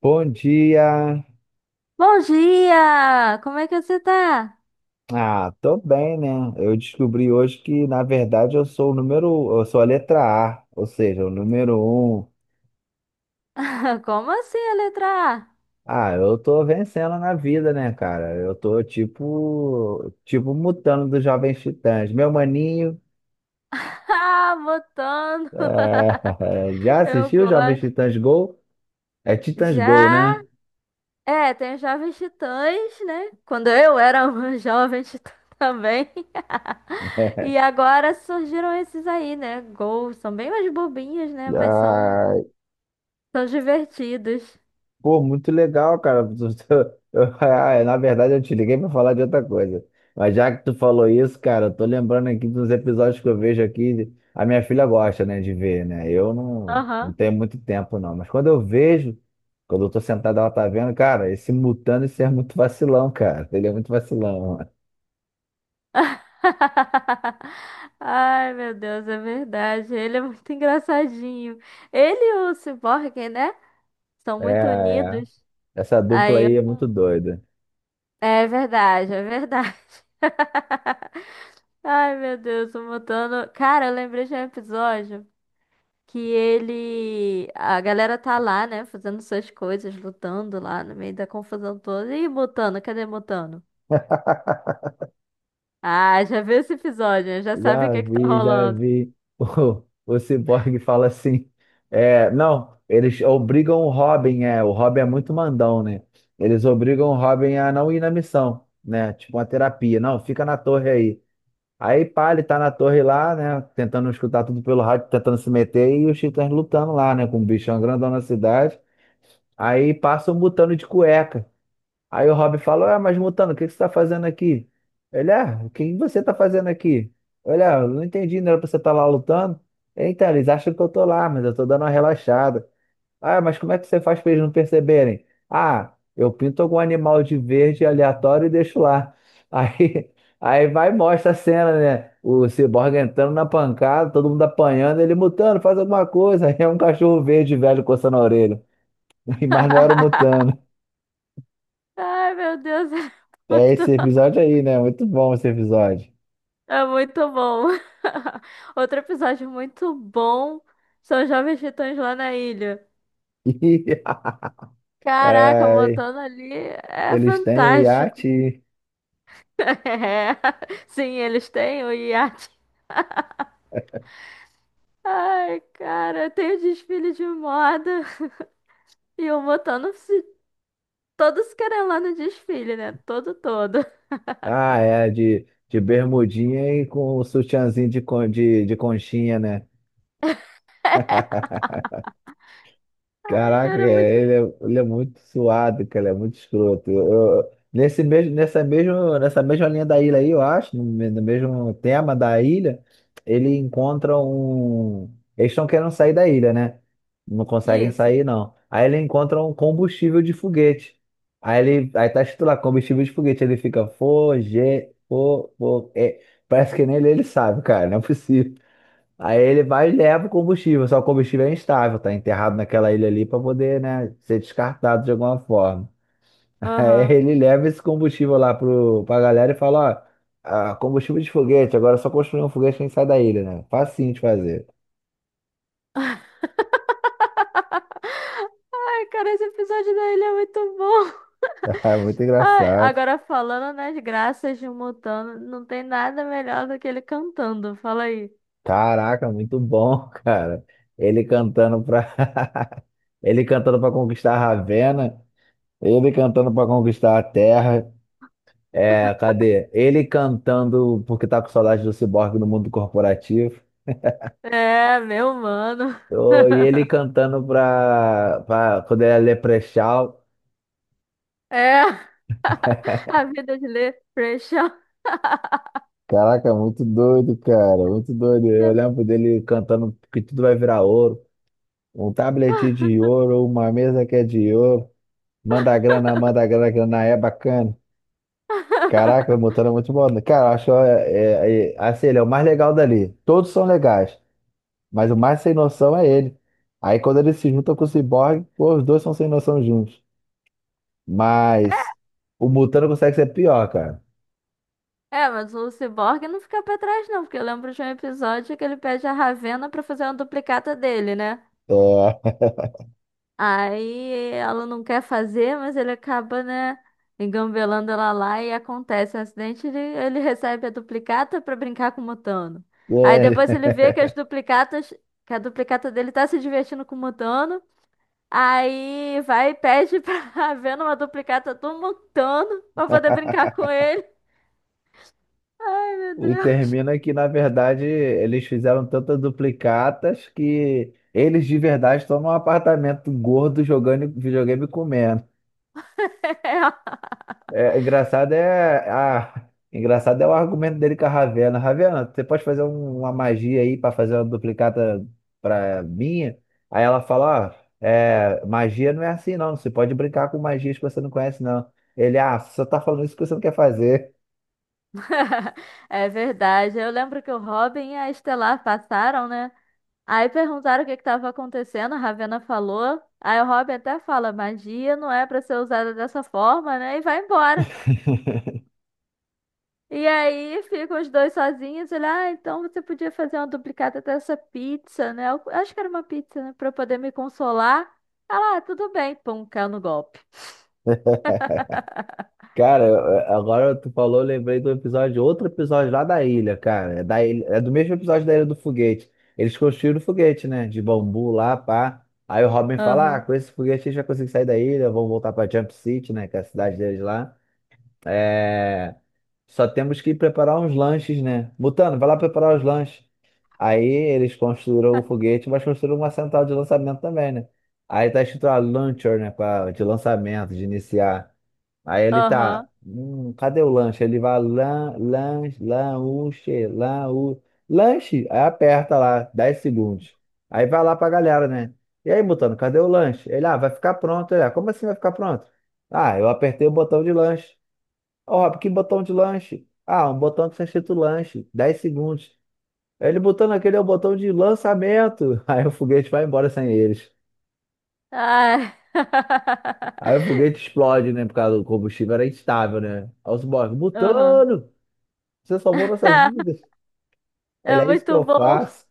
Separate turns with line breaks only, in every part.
Bom dia.
Bom dia! Como é que você tá?
Ah, tô bem, né? Eu descobri hoje que, na verdade, eu sou a letra A, ou seja, o número um.
Como assim a letra
Ah, eu tô vencendo na vida, né, cara? Eu tô tipo, mutando dos Jovens Titãs. Meu maninho,
A? Ah, botando.
já
Eu
assistiu Jovens
gosto.
Titãs Go? É Titãs Go,
Já?
né?
É, tem os Jovens Titãs, né? Quando eu era uma jovem titã também. E agora surgiram esses aí, né? Gols. São bem mais bobinhos, né? Mas são,
Ah,
são divertidos.
pô, muito legal, cara. Ah, é, na verdade, eu te liguei pra falar de outra coisa. Mas já que tu falou isso, cara, eu tô lembrando aqui dos episódios que eu vejo aqui. A minha filha gosta, né, de ver, né? Eu não
Aham.
tenho muito tempo, não. Mas quando eu vejo, quando eu tô sentado, ela tá vendo, cara, esse Mutano, esse é muito vacilão, cara. Ele é muito vacilão.
Ai, meu Deus, é verdade. Ele é muito engraçadinho. Ele e o Cyborg, né? São
É,
muito
é.
unidos.
Essa dupla
Aí,
aí é
eu-
muito doida.
É verdade, é verdade. Ai, meu Deus, o Mutano. Cara, eu lembrei de um episódio que ele. A galera tá lá, né? Fazendo suas coisas, lutando lá no meio da confusão toda. Ih, Mutano, cadê Mutano? Ah, já viu esse episódio, né? Já sabe o
Já
que que tá
vi, já
rolando.
vi. O Cyborg fala assim: é, não, eles obrigam o Robin é muito mandão, né? Eles obrigam o Robin a não ir na missão, né? Tipo uma terapia. Não, fica na torre aí. Aí, pá, ele tá na torre lá, né? Tentando escutar tudo pelo rádio, tentando se meter, e os titãs lutando lá, né? Com o bichão grandão na cidade. Aí passa um mutano de cueca. Aí o Rob falou: ah, mas Mutano, o que que você está fazendo aqui? Ele, ah, o que você está fazendo aqui? Olha, eu não entendi, não era pra você estar lá lutando. Então, eles acham que eu tô lá, mas eu tô dando uma relaxada. Ah, mas como é que você faz pra eles não perceberem? Ah, eu pinto algum animal de verde aleatório e deixo lá. Aí, aí vai e mostra a cena, né? O Cyborg entrando na pancada, todo mundo apanhando, ele Mutano, faz alguma coisa. Aí é um cachorro verde velho coçando a orelha. Mas não era o Mutano.
Ai, meu Deus, é
É
muito,
esse episódio aí, né? Muito bom esse episódio.
é muito bom. Outro episódio muito bom são os Jovens Titãs lá na ilha. Caraca,
Ai,
montando ali é
eles têm o
fantástico.
iate,
É. Sim, eles têm o iate. Ai, cara, tem o desfile de moda e o Montano se todos querem lá no desfile, né? Todo, todo.
ah, é, de bermudinha e com o sutiãzinho de conchinha, né?
Ai,
Caraca, cara,
Cara, é muito
ele é,
bom.
ele é muito suado, cara, ele é muito escroto. Nesse mesmo, nessa mesma linha da ilha aí, eu acho, no mesmo tema da ilha, ele encontra um. Eles estão querendo sair da ilha, né? Não conseguem
Isso.
sair, não. Aí ele encontra um combustível de foguete. Aí tá escrito lá, combustível de foguete. Ele fica, foge, fo, fo, é. Parece que nem ele sabe, cara, não é possível. Aí ele vai e leva o combustível, só o combustível é instável, tá enterrado naquela ilha ali para poder, né, ser descartado de alguma forma. Aí
Aham.
ele leva esse combustível lá pra galera e fala: ó, ah, combustível de foguete, agora é só construir um foguete que a gente sai da ilha, né? Facinho de fazer.
Ai, cara, esse episódio da ilha é muito bom.
Ah, muito
Ai,
engraçado.
agora falando nas graças de um Montano, não tem nada melhor do que ele cantando. Fala aí.
Caraca, muito bom, cara. Ele cantando ele cantando para conquistar Ravenna, ele cantando para conquistar a Terra. É, cadê? Ele cantando porque tá com saudade do Cyborg no mundo corporativo.
É, meu mano.
Ô, e ele cantando pra quando ele é Leprechaun.
É a vida de ler Pressure.
Caraca, muito doido, cara, muito doido. Eu lembro dele cantando que tudo vai virar ouro. Um tablet de ouro, uma mesa que é de ouro. Manda grana, grana é bacana. Caraca, o Mutano é muito bom. Cara, eu acho é, assim, ele é o mais legal dali. Todos são legais. Mas o mais sem noção é ele. Aí quando ele se junta com o Cyborg, pô, os dois são sem noção juntos. Mas o Mutano consegue ser pior, cara.
É, mas o Cyborg não fica pra trás, não, porque eu lembro de um episódio que ele pede a Ravenna pra fazer uma duplicata dele, né?
É,
Aí ela não quer fazer, mas ele acaba, né, engambelando ela lá e acontece um acidente, ele recebe a duplicata pra brincar com o Mutano. Aí depois ele vê que as
é.
duplicatas, que a duplicata dele tá se divertindo com o Mutano. Aí vai e pede pra ver numa duplicata do Montano pra poder brincar com ele. Ai, meu
E
Deus.
termina que, na verdade, eles fizeram tantas duplicatas que eles de verdade estão num apartamento gordo jogando videogame e comendo. É engraçado é o argumento dele com a Ravena. Ravena, você pode fazer uma magia aí para fazer uma duplicata para minha? Aí ela fala, ó, é, magia não é assim não. Você pode brincar com magias que você não conhece não. Ele, ah, você só tá falando isso porque você não quer fazer.
É verdade. Eu lembro que o Robin e a Estelar passaram, né? Aí perguntaram o que que estava acontecendo, a Ravena falou. Aí o Robin até fala, magia não é pra ser usada dessa forma, né? E vai embora. E aí ficam os dois sozinhos. Ele, ah, então você podia fazer uma duplicata dessa pizza, né? Eu acho que era uma pizza, né? Pra eu poder me consolar. Ela, ah, tudo bem. Pum, caiu no golpe.
Cara, agora tu falou, eu lembrei do episódio, outro episódio lá da ilha, cara. É, da ilha, é do mesmo episódio da Ilha do Foguete. Eles construíram o foguete, né? De bambu lá, pá. Aí o Robin fala: ah,
Aham.
com esse foguete a gente vai conseguir sair da ilha, vamos voltar pra Jump City, né? Que é a cidade deles lá. É... Só temos que preparar uns lanches, né? Mutano, vai lá preparar os lanches. Aí eles construíram o foguete, mas construíram uma central de lançamento também, né? Aí tá escrito a Launcher, né? Pra- de lançamento, de iniciar. Aí ele
Aham.
tá, cadê o lanche? Ele vai lanche, lanche, lanche, lanche. Aí aperta lá, 10 segundos. Aí vai lá pra galera, né? E aí, Mutano, cadê o lanche? Ele, ah, vai ficar pronto. Ele, ah, como assim vai ficar pronto? Ah, eu apertei o botão de lanche. Ó, Rob, que botão de lanche? Ah, um botão que está escrito lanche, 10 segundos. Aí ele botando aquele é o botão de lançamento. Aí o foguete vai embora sem eles.
Ai.
Aí o foguete explode, né? Por causa do combustível era instável, né? Aí os boys,
Aham.
Mutano! Você salvou nossas vidas. Ele
É
é isso que
muito
eu
bom.
faço.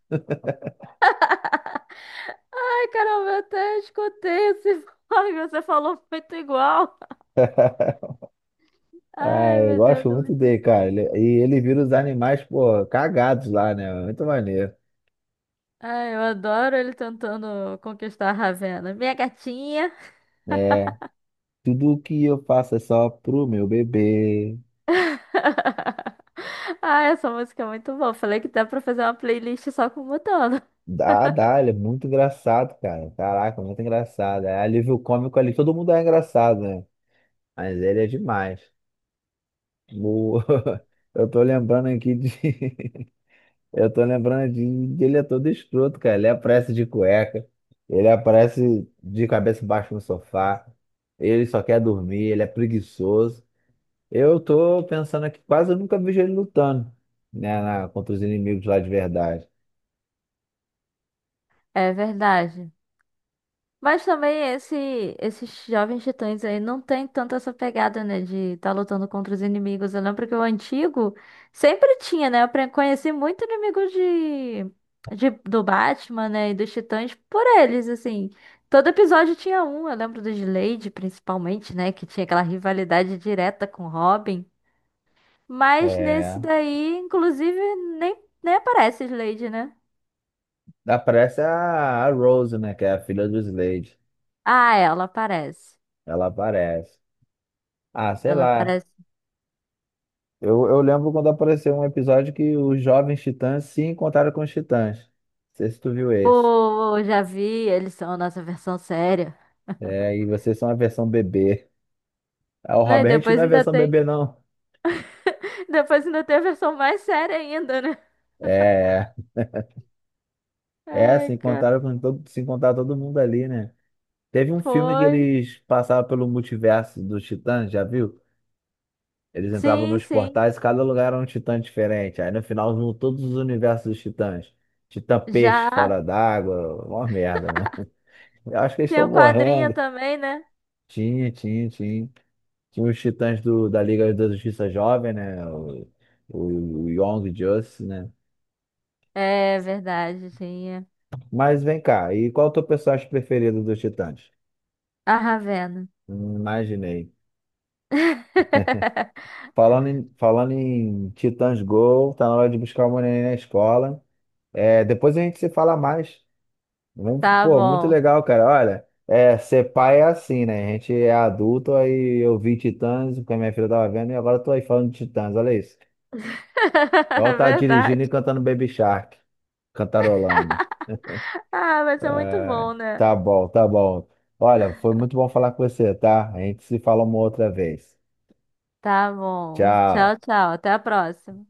Ai, caramba, eu até escutei esse fone que você falou muito igual.
Ah,
Ai,
eu
meu Deus,
gosto
é
muito
muito
dele,
bom.
cara. Ele- e ele vira os animais, pô, cagados lá, né? Muito maneiro.
Ai, eu adoro ele tentando conquistar a Ravena. Minha gatinha.
É, tudo que eu faço é só pro meu bebê.
Ah, essa música é muito boa. Falei que dá pra fazer uma playlist só com Mutano.
Dá, dá, ele é muito engraçado, cara. Caraca, muito engraçado. É alívio cômico ali, todo mundo é engraçado, né? Mas ele é demais. O- Eu tô lembrando aqui de. Eu tô lembrando de que ele é todo escroto, cara. Ele aparece de cueca, ele aparece de cabeça baixa no sofá, ele só quer dormir, ele é preguiçoso. Eu tô pensando aqui, quase eu nunca vejo ele lutando, né, na- contra os inimigos lá de verdade.
É verdade. Mas também esse, esses jovens titãs aí não tem tanto essa pegada, né? De estar lutando contra os inimigos. Eu lembro que o antigo sempre tinha, né? Eu pre- conheci muito inimigo do Batman, né? E dos titãs por eles, assim. Todo episódio tinha um. Eu lembro do Slade, principalmente, né? Que tinha aquela rivalidade direta com Robin. Mas nesse
É.
daí, inclusive, nem, nem aparece Slade, né?
Aparece a Rose, né, que é a filha do Slade.
Ah, ela aparece.
Ela aparece. Ah, sei
Ela
lá.
aparece.
Eu lembro quando apareceu um episódio que os jovens titãs se encontraram com os titãs. Não sei se tu viu esse.
Pô, já vi, eles são a nossa versão séria.
É, e vocês são a versão bebê. Ah, o
Né? E
Robert, a gente não
depois
é
ainda
versão
tem.
bebê, não.
Depois ainda tem a versão mais séria ainda, né?
É, é,
Ai,
se
cara.
encontraram com todo, se encontrar todo mundo ali, né? Teve um filme que
Foi.
eles passavam pelo multiverso dos Titãs, já viu? Eles entravam
Sim,
nos
sim.
portais, cada lugar era um Titã diferente. Aí no final vinham todos os universos dos Titãs. Titã peixe
Já.
fora d'água, uma merda, mano. Eu acho que eles
Tinha
estão
o quadrinho
morrendo.
também, né?
Tinha, tinha, tinha. Tinha os Titãs do, da Liga da Justiça Jovem, né? O Young Justice, né?
É verdade, tinha.
Mas vem cá, e qual o teu personagem preferido dos Titãs?
A Ravena.
Imaginei. Falando em Titãs Go, tá na hora de buscar o neném na escola. É, depois a gente se fala mais. Vamos-
Tá
pô, muito
bom.
legal, cara. Olha, é, ser pai é assim, né? A gente é adulto, aí eu vi Titãs, porque a minha filha tava vendo, e agora eu tô aí falando de Titãs, olha isso. Igual
É
tá
verdade.
dirigindo e cantando Baby Shark, cantarolando.
Ah, vai ser muito
É,
bom, né?
tá bom, tá bom. Olha, foi muito bom falar com você, tá? A gente se fala uma outra vez.
Tá bom. Tchau,
Tchau.
tchau. Até a próxima.